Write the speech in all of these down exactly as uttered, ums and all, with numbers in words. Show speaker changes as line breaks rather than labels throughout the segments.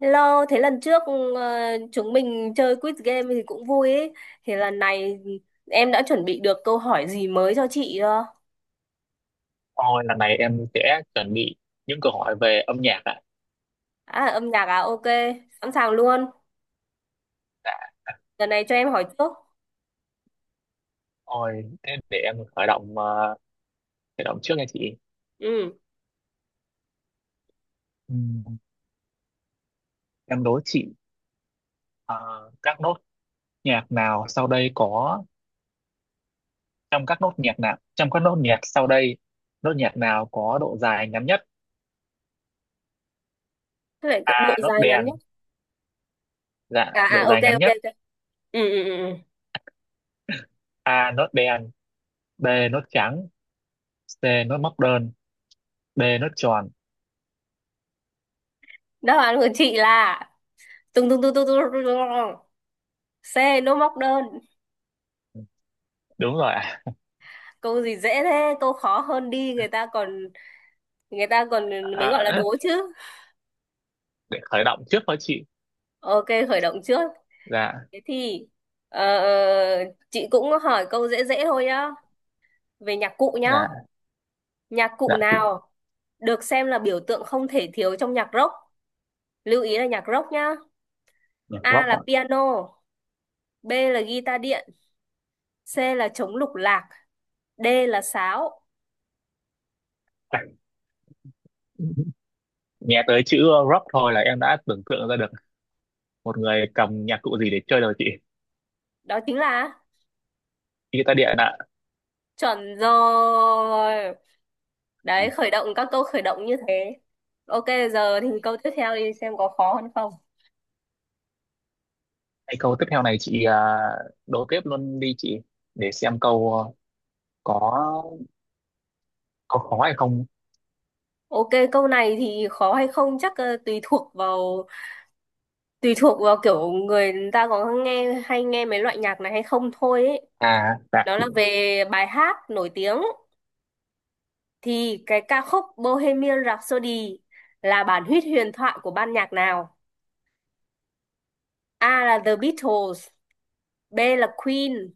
Hello, thế lần trước ừ, ờ, chúng mình chơi quiz game thì cũng vui ấy. Thì lần này em đã chuẩn bị được câu hỏi gì mới cho chị chưa?
Ôi, lần này em sẽ chuẩn bị những câu hỏi về âm nhạc ạ.
À, âm nhạc à? Ok, sẵn sàng luôn.
Dạ.
Lần này cho em hỏi trước.
Ôi, thế để em khởi động ờ, khởi động trước nha chị.
Ừ,
Ừm, em đố chị ờ, các nốt nhạc nào sau đây có trong các nốt nhạc nào trong các nốt nhạc sau đây nốt nhạc nào có độ dài ngắn nhất?
thế lại
A
độ
nốt
dài ngắn nhé.
đen, dạ
À,
độ
à, ok,
dài ngắn
ok,
nhất.
ok. Ừ, ừ, ừ, ừ.
A nốt đen, B nốt trắng, C nốt móc đơn, D nốt tròn.
Đáp án của chị là tung tung tung tung tung tung tung. C, nô móc đơn.
Đúng rồi ạ.
Câu gì dễ thế, câu khó hơn đi. Người ta còn, người ta còn mới gọi là
À,
đố chứ.
để khởi động trước thôi chị.
Ok, khởi động trước.
Dạ,
Thế thì ờ, ờ, chị cũng hỏi câu dễ dễ thôi nhá. Về nhạc cụ nhá.
dạ,
Nhạc cụ
dạ chị.
nào được xem là biểu tượng không thể thiếu trong nhạc rock? Lưu ý là nhạc rock nhá.
Nhạc
A
rock
là
ạ.
piano, B là guitar điện, C là trống lục lạc, D là sáo.
Nghe tới chữ rock thôi là em đã tưởng tượng ra được một người cầm nhạc cụ gì để chơi rồi chị,
Đó chính là
guitar điện ạ.
chuẩn rồi. Đấy, khởi động các câu khởi động như thế. Ok, giờ thì câu tiếp theo đi xem có khó hơn không.
Hay câu tiếp theo này chị à, đố tiếp luôn đi chị để xem câu ờ, có có khó hay không.
Ok, câu này thì khó hay không chắc ờ, tùy thuộc vào tùy thuộc vào kiểu người ta có nghe hay nghe mấy loại nhạc này hay không thôi ấy.
À, dạ
Đó
chị,
là về bài hát nổi tiếng thì cái ca khúc Bohemian Rhapsody là bản huyết huyền thoại của ban nhạc nào? A là The Beatles, B là Queen,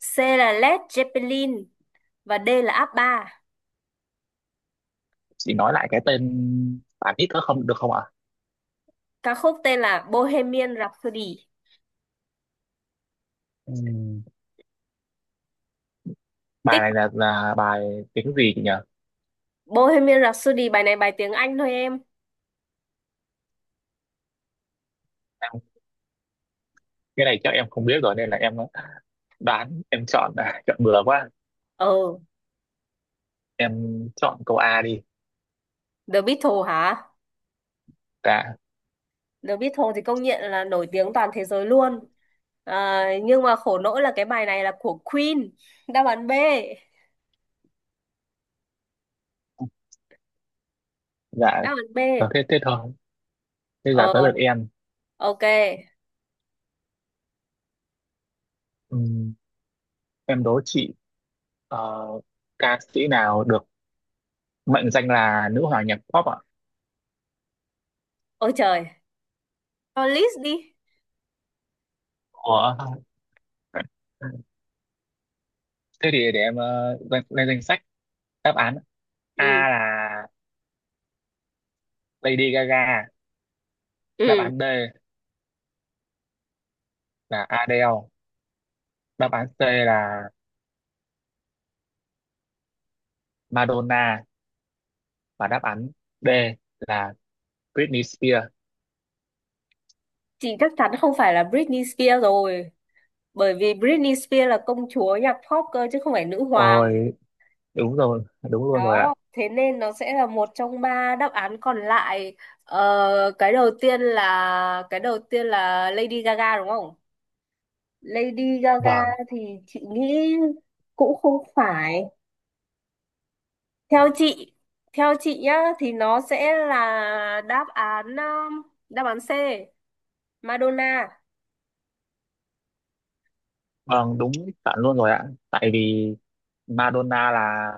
C là Led Zeppelin và D là ababa.
chị nói lại cái tên bài hit nữa không được không ạ?
Ca khúc tên là Bohemian Rhapsody.
Ừm, bài
Tích
này là là bài tiếng gì chị nhỉ?
Bohemian Rhapsody, bài này bài tiếng Anh thôi em.
Em, cái này chắc em không biết rồi nên là em đoán em chọn, chọn bừa quá,
Ờ,
em chọn câu A đi.
The Beatles hả?
Dạ.
The Beatles thì công nhận là nổi tiếng toàn thế giới luôn. À, nhưng mà khổ nỗi là cái bài này là của Queen. Đáp án B.
Dạ,
Đáp án B.
thế thế thôi, thế
Ờ,
giờ tới lượt em.
ok.
Ừm, em đố chị ờ, ca sĩ nào được mệnh danh là nữ hoàng nhạc pop ạ?
Ôi trời. Cho list đi.
Ủa? Thế thì để em ờ, lên, lên danh sách đáp án. A
Ừ,
là Lady Gaga, đáp
ừ.
án B là Adele, đáp án C là Madonna và đáp án D là Britney Spears.
Chị chắc chắn không phải là Britney Spears rồi. Bởi vì Britney Spears là công chúa nhạc pop cơ chứ không phải nữ hoàng.
Ôi, đúng rồi, đúng luôn rồi ạ.
Đó, thế nên nó sẽ là một trong ba đáp án còn lại. Ờ, cái đầu tiên là cái đầu tiên là Lady Gaga đúng không? Lady Gaga
Vâng.
thì chị nghĩ cũng không phải, theo chị theo chị nhá thì nó sẽ là đáp án um, đáp án C Madonna.
Vâng, đúng, chuẩn luôn rồi ạ. Tại vì Madonna là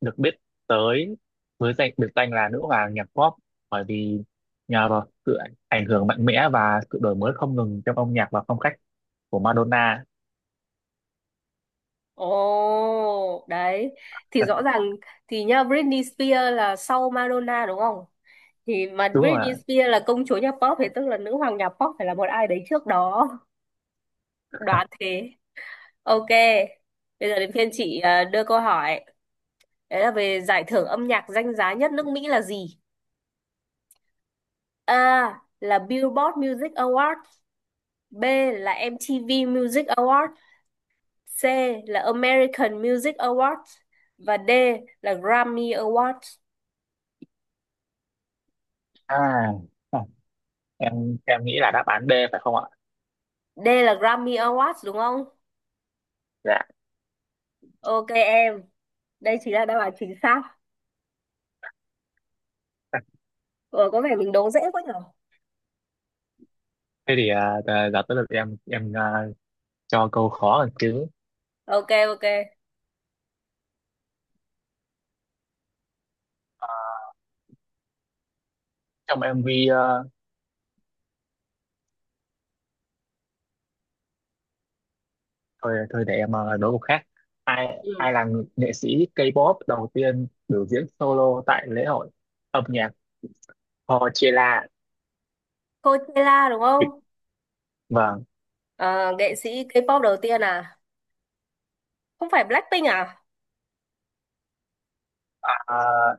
được biết tới với danh biệt danh là nữ hoàng nhạc pop, bởi vì nhờ vào sự ảnh ảnh hưởng mạnh mẽ và sự đổi mới không ngừng trong âm nhạc và phong cách của Madonna.
Ồ đấy, thì rõ ràng, thì nhá Britney Spears là sau Madonna đúng không, thì mà
Đúng rồi ạ.
Britney Spears là công chúa nhà pop thì tức là nữ hoàng nhà pop phải là một ai đấy trước đó, đoán thế. Ok, bây giờ đến phiên chị à, đưa câu hỏi. Đấy là về giải thưởng âm nhạc danh giá nhất nước Mỹ là gì. A là Billboard Music Award, B là em ti vi Music Award, C là American Music Awards và D là Grammy Awards.
À, à, em em nghĩ là đáp án D phải không ạ?
D là Grammy Awards đúng không?
Dạ.
Ok em, đây chính là đáp án chính xác. Ờ, có vẻ mình đố dễ quá nhở.
Thế thì à, giờ giờ tới lượt em em à, cho câu khó hơn chứ.
Ok ok.
À, trong em vê ờ, thôi thôi để em ờ, đố câu khác. Ai ai
Ừ.
là ng- nghệ sĩ K-pop đầu tiên biểu diễn solo tại lễ hội âm nhạc Coachella?
Coachella đúng không?
Vâng.
Ờ, nghệ sĩ K-pop đầu tiên à? Không phải Blackpink à?
À,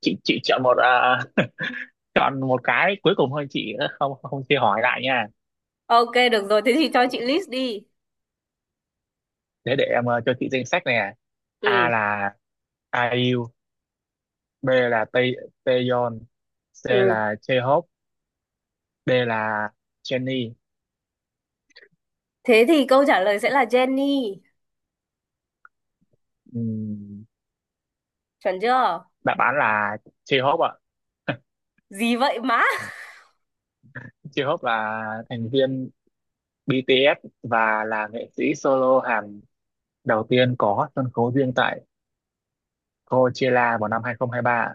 chị chị chọn một à, chọn một cái cuối cùng thôi chị, không không chia hỏi lại nha.
Ok được rồi, thế thì cho chị list đi.
Thế để em ờ, cho chị danh sách nè. A
Ừ.
là i u, B là Tae Taeyeon, C
Ừ.
là J-Hope, D là Jennie.
Thế thì câu trả lời sẽ là Jennie,
Ừm,
chuẩn chưa?
đáp án là J-Hope ạ.
Gì vậy má.
J-Hope là thành viên bê tê ét và là nghệ sĩ solo Hàn đầu tiên có sân khấu riêng tại Coachella vào năm hai không hai ba.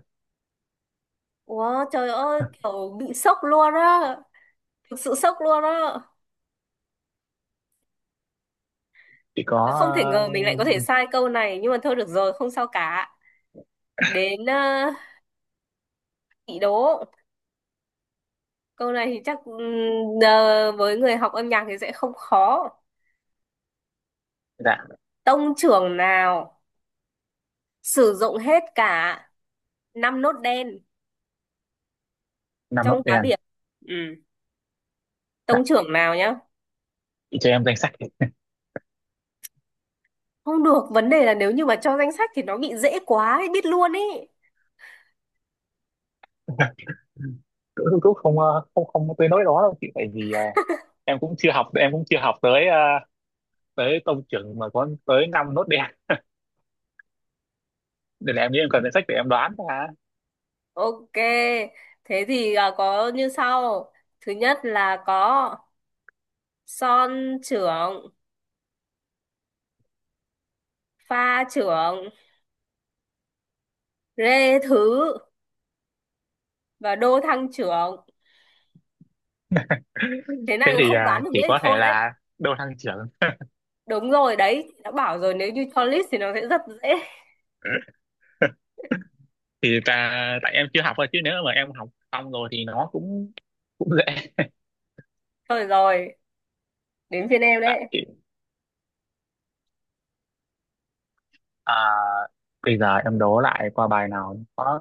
Wow, trời ơi kiểu bị sốc luôn á, thực sự sốc luôn á.
Chị có
Và không thể ngờ mình lại có thể
ờ,
sai câu này nhưng mà thôi được rồi không sao cả. Đến ờ, chị đố câu này thì chắc ừm, ờ, với người học âm nhạc thì sẽ không khó.
dạ
Tông trưởng nào sử dụng hết cả năm nốt đen
năm lớp
trong cá
đen.
biệt. Ừ,
Dạ
tông trưởng nào nhá.
chị cho em danh sách thì
Không được, vấn đề là nếu như mà cho danh sách thì nó bị dễ quá ấy, biết luôn ý.
cũng cũng cũng không ờ, không không có tới nỗi đó đâu chị, tại vì ờ, em cũng chưa học em cũng chưa học tới ờ, tới tông trưởng mà có tới năm nốt đen, nên là em nghĩ em cần danh sách để em đoán ra.
Ok, thế thì à, có như sau. Thứ nhất là có son trưởng, pha trưởng, rê thứ và đô thăng trưởng. Thế
Thế
này
thì ờ,
không đoán được nữa
chỉ
thì
có thể
thôi đấy.
là đô thăng trưởng.
Đúng rồi, đấy, đã bảo rồi nếu như cho list thì nó sẽ rất dễ.
Thì ta, tại em chưa học thôi chứ nếu mà em học xong rồi thì nó cũng cũng dễ.
Thôi rồi, đến phiên em đấy.
Tại à, bây giờ em đố lại qua bài nào có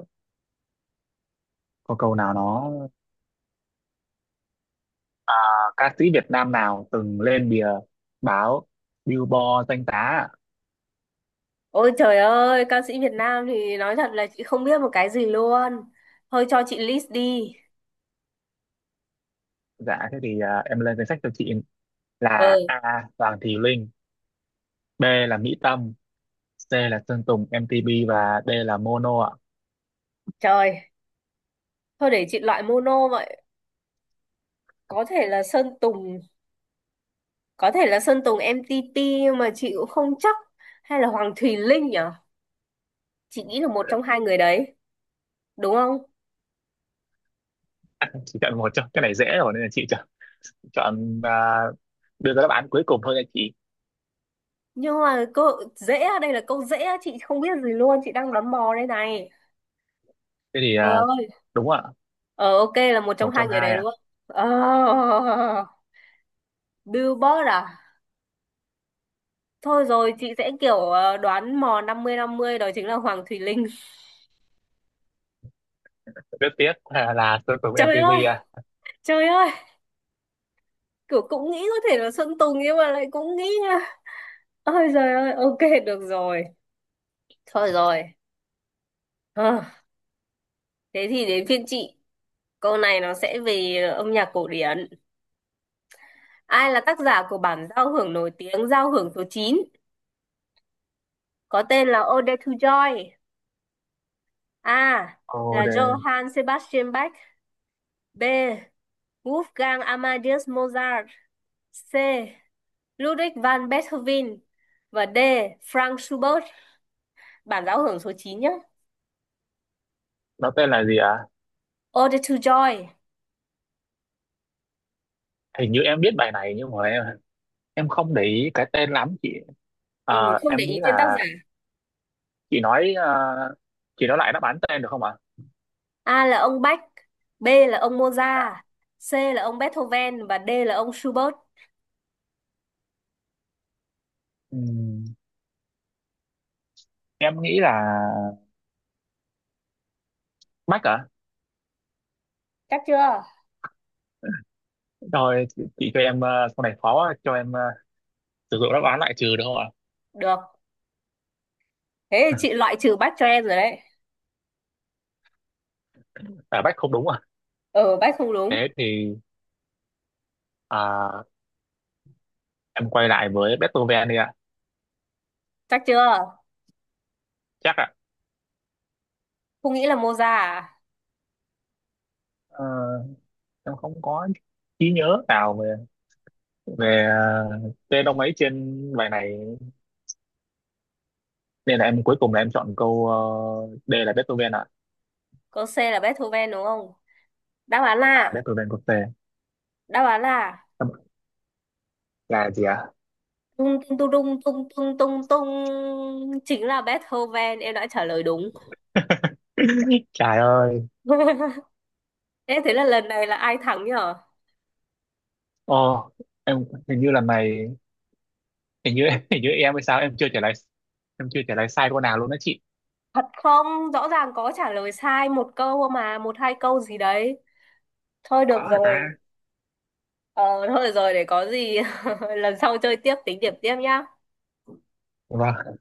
có câu nào nó à, ca sĩ Việt Nam nào từng lên bìa báo Billboard danh giá ạ?
Ôi trời ơi, ca sĩ Việt Nam thì nói thật là chị không biết một cái gì luôn. Thôi cho chị list đi.
Dạ thế thì à, em lên danh sách cho chị là
Ừ,
A Hoàng Thùy Linh, B là Mỹ Tâm, C là Sơn Tùng em tê pê và D là Mono ạ.
trời. Thôi để chị loại mono vậy. Có thể là Sơn Tùng, có thể là Sơn Tùng em ti pi nhưng mà chị cũng không chắc, hay là Hoàng Thùy Linh nhở, chị nghĩ là một trong hai người đấy đúng không?
Chỉ chọn một cho cái này dễ rồi nên là chị chọn, chọn à, đưa ra đáp án cuối cùng thôi nha chị.
Nhưng mà câu dễ á, đây là câu dễ á, chị không biết gì luôn chị đang đoán mò đây này.
Thế thì
Trời
à,
ơi,
đúng ạ.
ờ ok là một trong
Một
hai
trong
người
hai
đấy đúng
ạ.
không. Ờ, Billboard à, thôi rồi chị sẽ kiểu ờ, đoán mò năm mươi năm mươi, đó chính là Hoàng Thùy Linh.
Rất tiếc là, là Sơn Tùng
Trời
em tê pê
ơi,
ạ.
trời ơi, kiểu cũng nghĩ có thể là Sơn Tùng nhưng mà lại cũng nghĩ nha. Ôi trời ơi, ok, được rồi, thôi rồi. Ờ, thế thì đến phiên chị. Câu này nó sẽ về âm nhạc cổ điển. Ai là tác giả của bản giao hưởng nổi tiếng giao hưởng số chín có tên là Ode to Joy? A.
Ồ,
Là
đề...
Johann Sebastian Bach. B. Wolfgang Amadeus Mozart. C. Ludwig van Beethoven. Và D. Frank Schubert. Bản giao hưởng số chín nhé.
nó tên là gì ạ?
Ode to Joy.
Hình như em biết bài này nhưng mà em em không để ý cái tên lắm chị.
Ừ,
Ờ,
không để
em
ý
nghĩ
tên tác
là
giả.
chị nói ờ, chị nói lại đáp án tên được không ạ?
A là ông Bach. B là ông Mozart. C là ông Beethoven. Và D là ông Schubert.
Ừm, em nghĩ là Mac à.
Chắc chưa?
Rồi chị, chị cho em ờ, sau này khó quá, cho em ờ, sử dụng đáp án lại trừ được không ạ?
Được. Thế thì chị loại trừ Bach cho em rồi đấy.
À, Mac không đúng à.
Ừ, Bach không đúng.
Thế thì à, em quay lại với Beethoven đi ạ.
Chắc chưa?
Chắc ạ.
Không nghĩ là Mozart à?
Ờ, em không có trí nhớ nào về về ờ, tên ông ấy trên bài này, nên là em cuối cùng là em chọn câu ờ, D là Beethoven ạ.
Câu C là Beethoven đúng không? Đáp án
À
là,
Beethoven có C
đáp án là
là gì ạ?
tung tung tung tung tung tung tung tung chính là Beethoven. Em đã trả lời đúng.
Trời ơi.
Thế thế là lần này là ai thắng nhở?
Ô, em hình như là mày, hình như hình như em hay sao, em chưa trả lời em chưa trả lời sai câu nào luôn đó chị.
Thật không? Rõ ràng có trả lời sai một câu mà, một hai câu gì đấy. Thôi được
Có hả
rồi.
ta.
Ờ, thôi được rồi để có gì lần sau chơi tiếp tính điểm tiếp nhá.
Vâng.